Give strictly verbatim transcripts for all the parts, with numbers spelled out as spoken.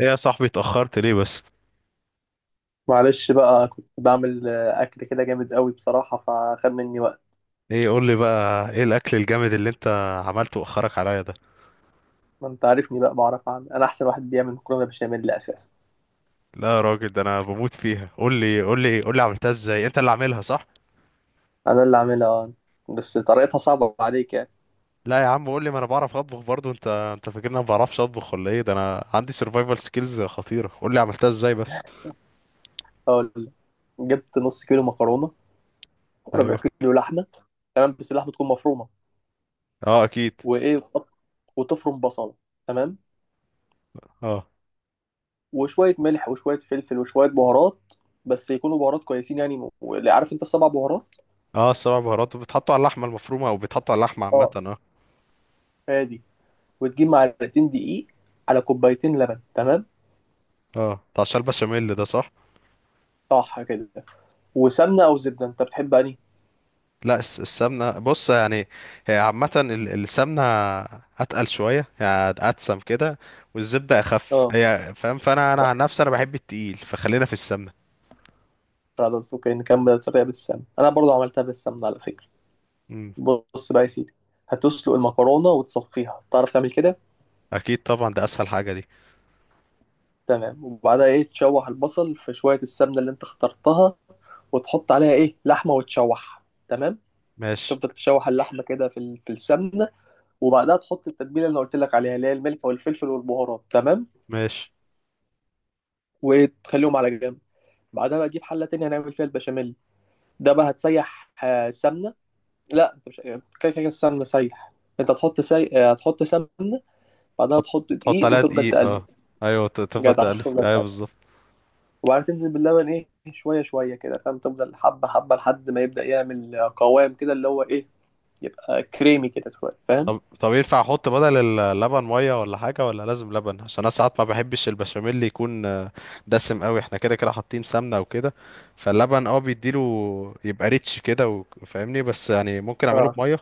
ايه يا صاحبي اتأخرت ليه بس؟ معلش بقى كنت بعمل آه، اكل كده جامد قوي بصراحه، فخد مني وقت. ايه، قول لي بقى ايه الاكل الجامد اللي انت عملته واخرك عليا ده؟ ما انت عارفني بقى، بعرف اعمل انا احسن واحد بيعمل مكرونه بشاميل اساسا. لا يا راجل، ده انا بموت فيها. قول لي قول لي قول لي عملتها ازاي؟ انت اللي عاملها صح؟ انا اللي عاملها آه. بس طريقتها صعبه عليك يعني. لا يا عم، قول لي، ما انا بعرف اطبخ برضو. انت انت فاكرني ما بعرفش اطبخ ولا ايه؟ ده انا عندي سرفايفل سكيلز خطيرة. قول لي عملتها ازاي بس. هقول لك. جبت نص كيلو مكرونه وربع ايوه. كيلو لحمه. تمام، بس اللحمه تكون مفرومه، اه اكيد. وايه، وتقط- وتفرم بصله. تمام. اه، وشويه ملح وشويه فلفل وشويه بهارات، بس يكونوا بهارات كويسين يعني، واللي عارف انت السبع بهارات. اه، السبع بهارات بتحطوا على اللحمة المفرومة او بتحطوا على اللحمة عامة؟ اه، اه. هادي. وتجيب معلقتين دقيق على كوبايتين لبن. تمام. اه، بتاع الشال بشاميل ده صح؟ صح كده. وسمنة أو زبدة، أنت بتحب أنهي؟ لا، الس- السمنة بص يعني. هي عامة ال- السمنة أتقل شوية يعني، أتسم كده. والزبدة أخف أه. هي، فاهم؟ فأنا، أنا عن نفسي أنا بحب التقيل، فخلينا في السمنة. خلاص، أوكي، نكمل الطريقة بالسمنة. أنا برضو عملتها بالسمنة على فكرة. مم. بص بقى يا سيدي. هتسلق المكرونة وتصفيها، تعرف تعمل كده؟ أكيد طبعا، ده أسهل حاجة دي. تمام. وبعدها إيه، تشوح البصل في شوية السمنة اللي أنت اخترتها، وتحط عليها إيه لحمة وتشوح. تمام؟ ماشي. تفضل تشوح اللحمة كده في ال- في السمنة. وبعدها تحط التتبيلة اللي أنا قلت لك عليها، اللي هي الملح والفلفل والبهارات. تمام؟ ماشي. وتخليهم على جنب. بعدها بقى تجيب حلة تانية هنعمل فيها البشاميل. ده بقى هتسيح آه، سمنة. لا انت مش يعني، كده كده السمنه سايح. انت هتحط سي... آه، هتحط سمنه. بعدها تحط تحط تحط دقيق عليها وتفضل دقيق، تقلب. اه. أيوة، ت- تفضل جدع. تقلب، تفضل أيوة تقلب بالظبط. وبعدين تنزل باللبن، ايه، شويه شويه كده، فاهم. تفضل حبه حبه لحد ما يبدا يعمل آه، قوام كده، اللي هو ايه، آه، كريمي كده شويه، فاهم. طب طب، ينفع احط بدل اللبن ميه ولا حاجه، ولا لازم لبن؟ عشان انا ساعات ما بحبش البشاميل اللي يكون آه، دسم قوي، احنا كده كده حاطين سمنه وكده، فاللبن اه بيديله يبقى ريتش كده و- فاهمني. بس يعني ممكن اعمله اه. بميه.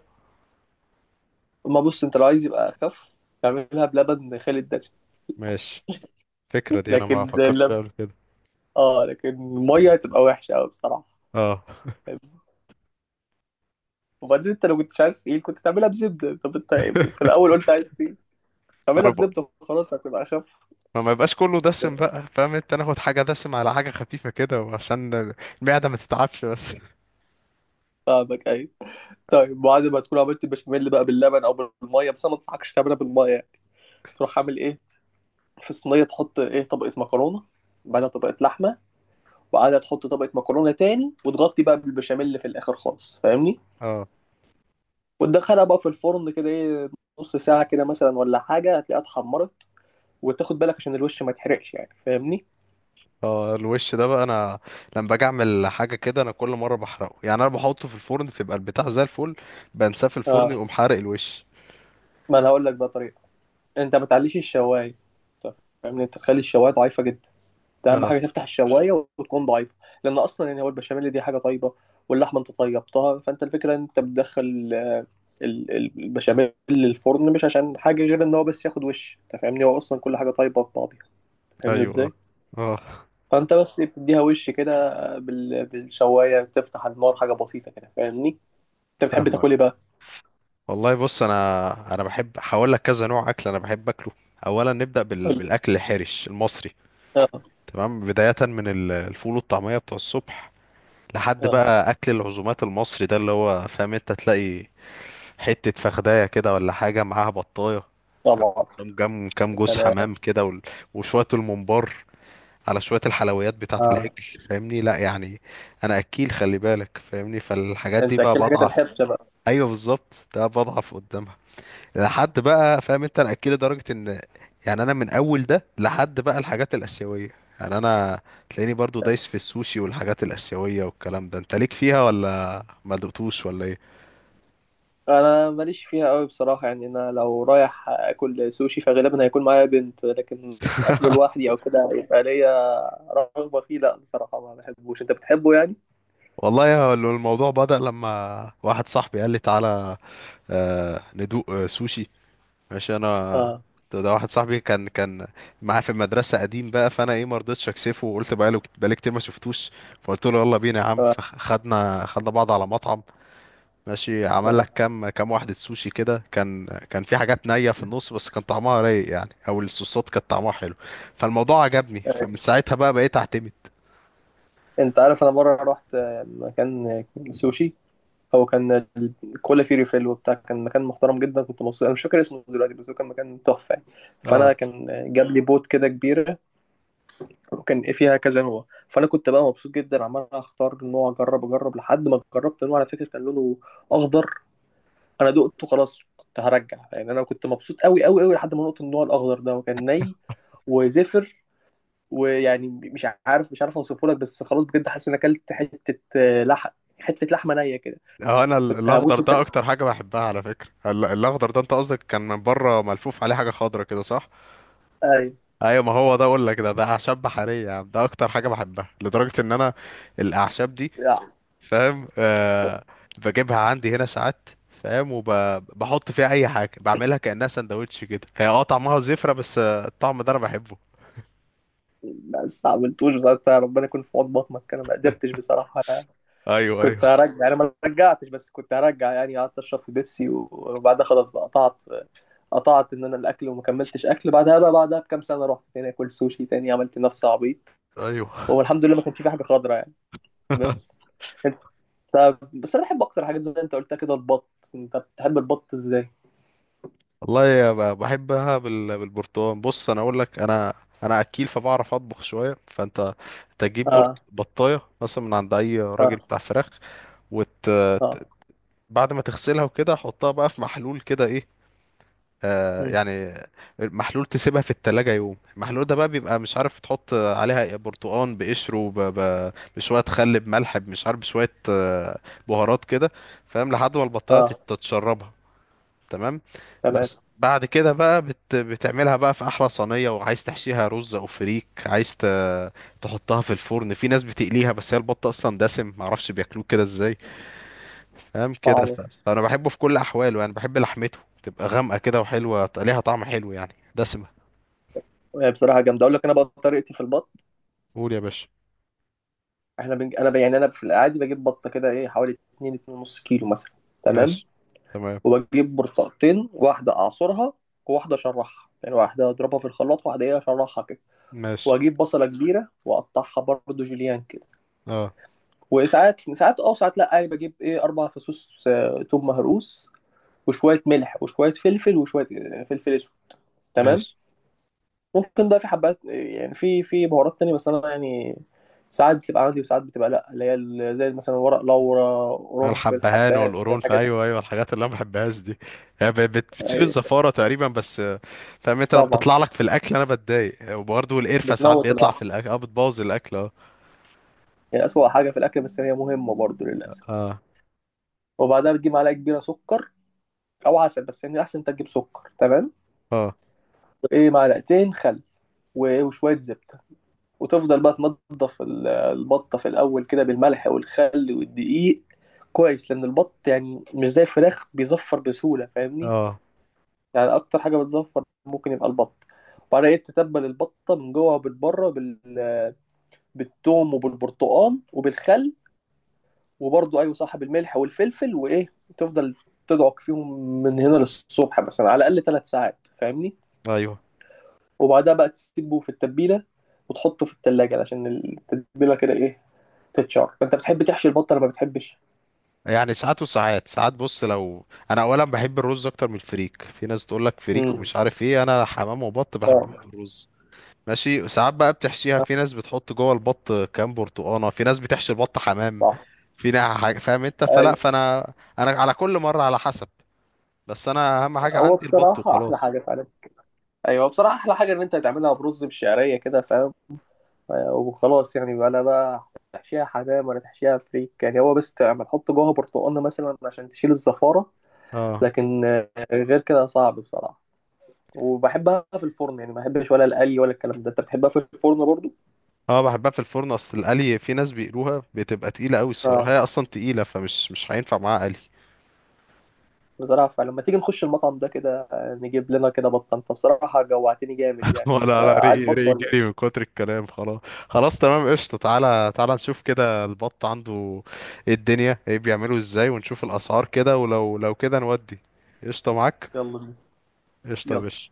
اما بص، انت لو عايز يبقى اخف، تعملها بلبن خالي الدسم. ماشي. الفكره دي انا ما لكن فكرتش فيها اللبن، قبل كده. اه، لكن الميه تبقى وحشه قوي بصراحه. اه. وبعدين انت لو كنتش عايز تقيل كنت تعملها بزبده. طب انت في الاول قلت عايز تقيل، تعملها انا بقى بزبده وخلاص هتبقى اخف. ما يبقاش كله دسم بقى، فاهم؟ انت ناخد حاجه دسم على حاجه خفيفه كده، وعشان المعده ما تتعبش بس. فاهمك. ايوه، طيب بعد ما تكون عملت البشاميل بقى باللبن او بالميه، بس انا ما انصحكش تعملها بالميه يعني. تروح عامل ايه، في صينيه تحط ايه طبقه مكرونه، بعدها طبقه لحمه، وبعدها تحط طبقه مكرونه تاني، وتغطي بقى بالبشاميل في الاخر خالص، فاهمني. اه. وتدخلها بقى في الفرن كده، ايه، نص ساعه كده مثلا ولا حاجه، هتلاقيها اتحمرت. وتاخد بالك عشان الوش ما يتحرقش يعني، فاهمني. اه، الوش ده بقى، انا لما باجي اعمل حاجه كده، انا كل مره بحرقه. يعني انا بحطه في الفرن تبقى البتاع زي الفل، بنساه في الفرن اه، يقوم حارق الوش. ما انا هقول لك بقى طريقه. انت ما تعليش الشوايه. طب، فاهمني، انت تخلي الشوايه ضعيفه جدا. ده اهم اه. حاجه، تفتح الشوايه وتكون ضعيفه. لان اصلا يعني هو البشاميل دي حاجه طيبه، واللحمه انت طيبتها، فانت الفكره ان انت بتدخل آه، ال- ال- البشاميل للفرن مش عشان حاجه غير ان هو بس ياخد وش. انت فاهمني، هو اصلا كل حاجه طيبه في بعضها. فاهمني ايوه. اه. ازاي. اه. فانت بس بتديها وش كده بال- بالشوايه، بتفتح النار حاجه بسيطه كده، فاهمني. انت بتحب فاهمك. تاكل ايه بقى؟ والله بص، انا انا بحب، هقول لك كذا نوع اكل انا بحب اكله. اولا نبدا بال... قول. بالاكل الحرش المصري. اه. تمام، بدايه من ال- الفول والطعميه بتوع الصبح، لحد اه. بقى اكل العزومات المصري، ده اللي هو فاهم، انت تلاقي حتة فخداية كده ولا حاجة معاها بطاية، فاهم؟ طبعا. كام كام كام يا جوز سلام. حمام كده، وال- وشوية الممبار على شوية الحلويات بتاعة آه. العجل. فاهمني؟ لا يعني، أنا أكيل، خلي بالك، فاهمني. فالحاجات دي انت بقى اكل حاجات بضعف. الحرشه بقى. أيوه بالظبط، ده بضعف قدامها، لحد بقى، فاهم أنت، أنا أكيل لدرجة إن يعني أنا من أول ده لحد بقى الحاجات الآسيوية، يعني أنا تلاقيني برضو دايس في السوشي والحاجات الآسيوية والكلام ده. أنت ليك فيها ولا ما دقتوش ولا إيه؟ انا ماليش فيها قوي بصراحه يعني، انا لو رايح اكل سوشي فغالبا هيكون معايا بنت، لكن اكله لوحدي او كده يبقى ليا رغبه فيه، لا بصراحه ما بحبوش. انت بتحبه يعني؟ والله يا- الموضوع بدأ لما واحد صاحبي قال لي تعالى آه، ندوق آه، سوشي. ماشي انا. اه. ده ده واحد صاحبي كان كان معاه في المدرسه قديم بقى، فانا ايه ما رضيتش اكسفه، وقلت بقاله، بقالي كتير ما شفتوش، فقلت له يلا بينا يا عم، ف- فخدنا خدنا بعض على مطعم. ماشي، عمل لك آه. كام كام واحده سوشي كده، كان كان في حاجات نيه في النص، بس كان طعمها رايق يعني، او الصوصات كانت طعمها حلو، فالموضوع عجبني، فمن ساعتها بقى بقيت اعتمد. انت عارف، انا مره رحت مكان سوشي. هو كان كل فيه ريفيل وبتاع، كان مكان محترم جدا، كنت مبسوط. انا مش فاكر اسمه دلوقتي، بس هو كان مكان تحفه يعني. اه. فانا كان جاب لي بوت كده كبيره، وكان إيه فيها كذا نوع. فانا كنت بقى مبسوط جدا، عمال اختار نوع اجرب اجرب لحد ما جربت نوع على فكره كان لونه اخضر. انا دقته، خلاص كنت هرجع يعني، انا كنت مبسوط قوي قوي قوي لحد ما نقطة النوع الاخضر ده، وكان ني وزفر، ويعني مش عارف مش عارف اوصفه لك، بس خلاص بجد حاسس ان اكلت حته آه، لحم، حته لحمه نيه كده. اه، انا ال- كنت الاخضر هموت ده وكان. اكتر حاجه بحبها على فكره. ال- الاخضر ده، انت قصدك كان من بره ملفوف عليه حاجه خضرا كده، صح؟ ايوه ايوه، ما هو ده اقول لك، ده ده اعشاب بحريه يا عم. ده اكتر حاجه بحبها، لدرجه ان انا الاعشاب دي، يعني، فاهم؟ آه، بجيبها عندي هنا ساعات، فاهم؟ وبحط فيها اي حاجه، بعملها كانها سندوتش كده. هي اه طعمها زفره، بس آه، الطعم ده انا بحبه. ما استعملتوش بصراحه، ربنا يكون في عون بطنك، انا ما قدرتش بصراحه. ايوه، كنت ايوه. هرجع يعني، ما رجعتش، بس كنت هرجع يعني. قعدت اشرب في بيبسي و- وبعدها خلاص بقى قطعت قطعت ان انا الاكل، وما كملتش اكل بعدها بقى، بعدها بكام سنه رحت تاني اكل سوشي تاني، عملت نفسي عبيط. ايوه. والحمد لله ما كانش في حاجه خضرا يعني. بس انت، بس انا بحب اكتر حاجات زي ما انت قلتها كده البط. انت بتحب البط ازاي؟ والله يا ب- بحبها بال- بالبرتقال. بص انا اقول لك، انا انا اكيل فبعرف اطبخ شويه، فانت تجيب برت... اه. بطايه مثلا من عند اي راجل اه. بتاع فراخ، وت... اه. ت- بعد ما تغسلها وكده حطها بقى في محلول كده ايه، آه مم. يعني محلول، تسيبها في التلاجة يوم. المحلول ده بقى بيبقى مش عارف تحط عليها إيه، برتقان بقشره، ب... ب... بشوية خل بملح، مش عارف بشوية آه، بهارات كده، فاهم؟ لحد ما البطاية تت- اه. تتشربها. تمام. تمام. بس بعد كده بقى بت... بتعملها بقى في احلى صينيه، وعايز تحشيها رز او فريك، عايز ت... تحطها في الفرن. في ناس بتقليها، بس هي البط اصلا دسم، معرفش بياكلوه كده ازاي. تمام كده، ف... صعبه فانا بحبه في كل احواله. يعني بحب لحمته تبقى غامقه كده وحلوه، ليها طعم حلو يعني دسمه. هي بصراحه جامده. اقول لك انا بقى طريقتي في البط. قول يا باشا. احنا بنج... انا ب... يعني انا في العادي بجيب بطه كده ايه حوالي اتنين اتنين ونص كيلو مثلا. تمام. ماشي. تمام. وبجيب برتقتين، واحدة أعصرها وواحدة أشرحها، يعني واحدة أضربها في الخلاط، واحدة إيه أشرحها كده. ماشي. وأجيب بصلة كبيرة وأقطعها برضه جوليان كده. اه. وساعات ساعات أه، وساعات لأ، يعني بجيب إيه أربع فصوص آه، توم مهروس، وشوية ملح وشوية فلفل وشوية آه، فلفل أسود. تمام. ماشي. ممكن بقى في حبات، آه، يعني في في بهارات تانية، بس أنا يعني ساعات بتبقى عندي وساعات بتبقى لأ، اللي هي ال- زي مثلا ورق لورا، قرنفل، الحبهان حبات، والقرون، الحاجات دي. ايوه، ايوه، الحاجات اللي انا ما بحبهاش دي. هي ب- بت- بتشيل أيوة، الزفاره تقريبا بس. فاهم انت لما طبعا، بتطلع لك في الاكل انا بتضايق. وبرضه القرفه ساعات بتموت بيطلع في الواحد. الاكل، اه بتبوظ الاكل، اه. هي أسوأ حاجة في الأكل، بس هي مهمة برضه للأسف. اه. وبعدها بتجيب معلقة كبيرة سكر أو عسل، بس يعني الأحسن أنت تجيب سكر. تمام. اه. وإيه معلقتين خل، وإيه، وشوية زبدة. وتفضل بقى تنضف ال- البطة في الأول كده بالملح والخل والدقيق كويس، لأن البط يعني مش زي الفراخ بيزفر بسهولة، فاهمني. اه. يعني أكتر حاجة بتزفر ممكن يبقى البط. وبعدها إيه، تتبل البطة من جوه وبالبره بال... بالثوم وبالبرتقال وبالخل. وبرضه ايوه صاحب الملح والفلفل وايه. تفضل تدعك فيهم من هنا للصبح مثلا، على الاقل ثلاث ساعات، فاهمني. ايوه، وبعدها بقى تسيبه في التتبيله، وتحطه في التلاجة عشان التتبيله كده ايه تتشار. فانت بتحب تحشي البطه ولا ما بتحبش؟ يعني ساعات وساعات ساعات، بص لو، انا اولا بحب الرز اكتر من الفريك، في ناس تقول لك فريك امم. ومش عارف ايه، انا حمام وبط بحبهم اه. بالرز. ماشي، ساعات بقى بتحشيها. آه، في ناس بتحط جوه البط كام برتقانه. في ناس بتحشي البط حمام. صح. في ناس حاجة- فاهم انت؟ فلا، ايوه، فانا، انا على كل مره على حسب. بس انا اهم حاجه هو عندي البط بصراحه احلى وخلاص. حاجه فعلا. ايوه، بصراحه احلى حاجه ان انت تعملها برز بشعريه كده، فاهم. آه، وخلاص يعني بقى، لا بقى تحشيها حمام ولا تحشيها فريك، يعني هو بس تعمل حط جواها برتقانه مثلا عشان تشيل الزفاره. اه. لكن آه، غير كده صعب بصراحة. وبحبها في الفرن يعني، ما بحبش ولا القلي ولا الكلام ده. انت بتحبها في الفرن برضو؟ اه، بحبها في الفرن. اصل القلي في ناس بيقلوها بتبقى تقيله قوي الصراحه. اه. هي اصلا تقيله، فمش مش هينفع معاها قلي. بصراحة فلما تيجي نخش المطعم ده كده آه، نجيب لنا كده بطة. انت بصراحة جوعتني جامد يعني، انت ولا لا، رقي عاجبك رقي، ولا جري من ايه؟ كتر الكلام خلاص. خلاص تمام قشطه، تعالى تعالى نشوف كده البط عنده ايه الدنيا، ايه بيعمله ازاي، ونشوف الاسعار كده. ولو لو كده نودي. قشطه معاك. يلا بينا. قشطه يا يلا. باشا.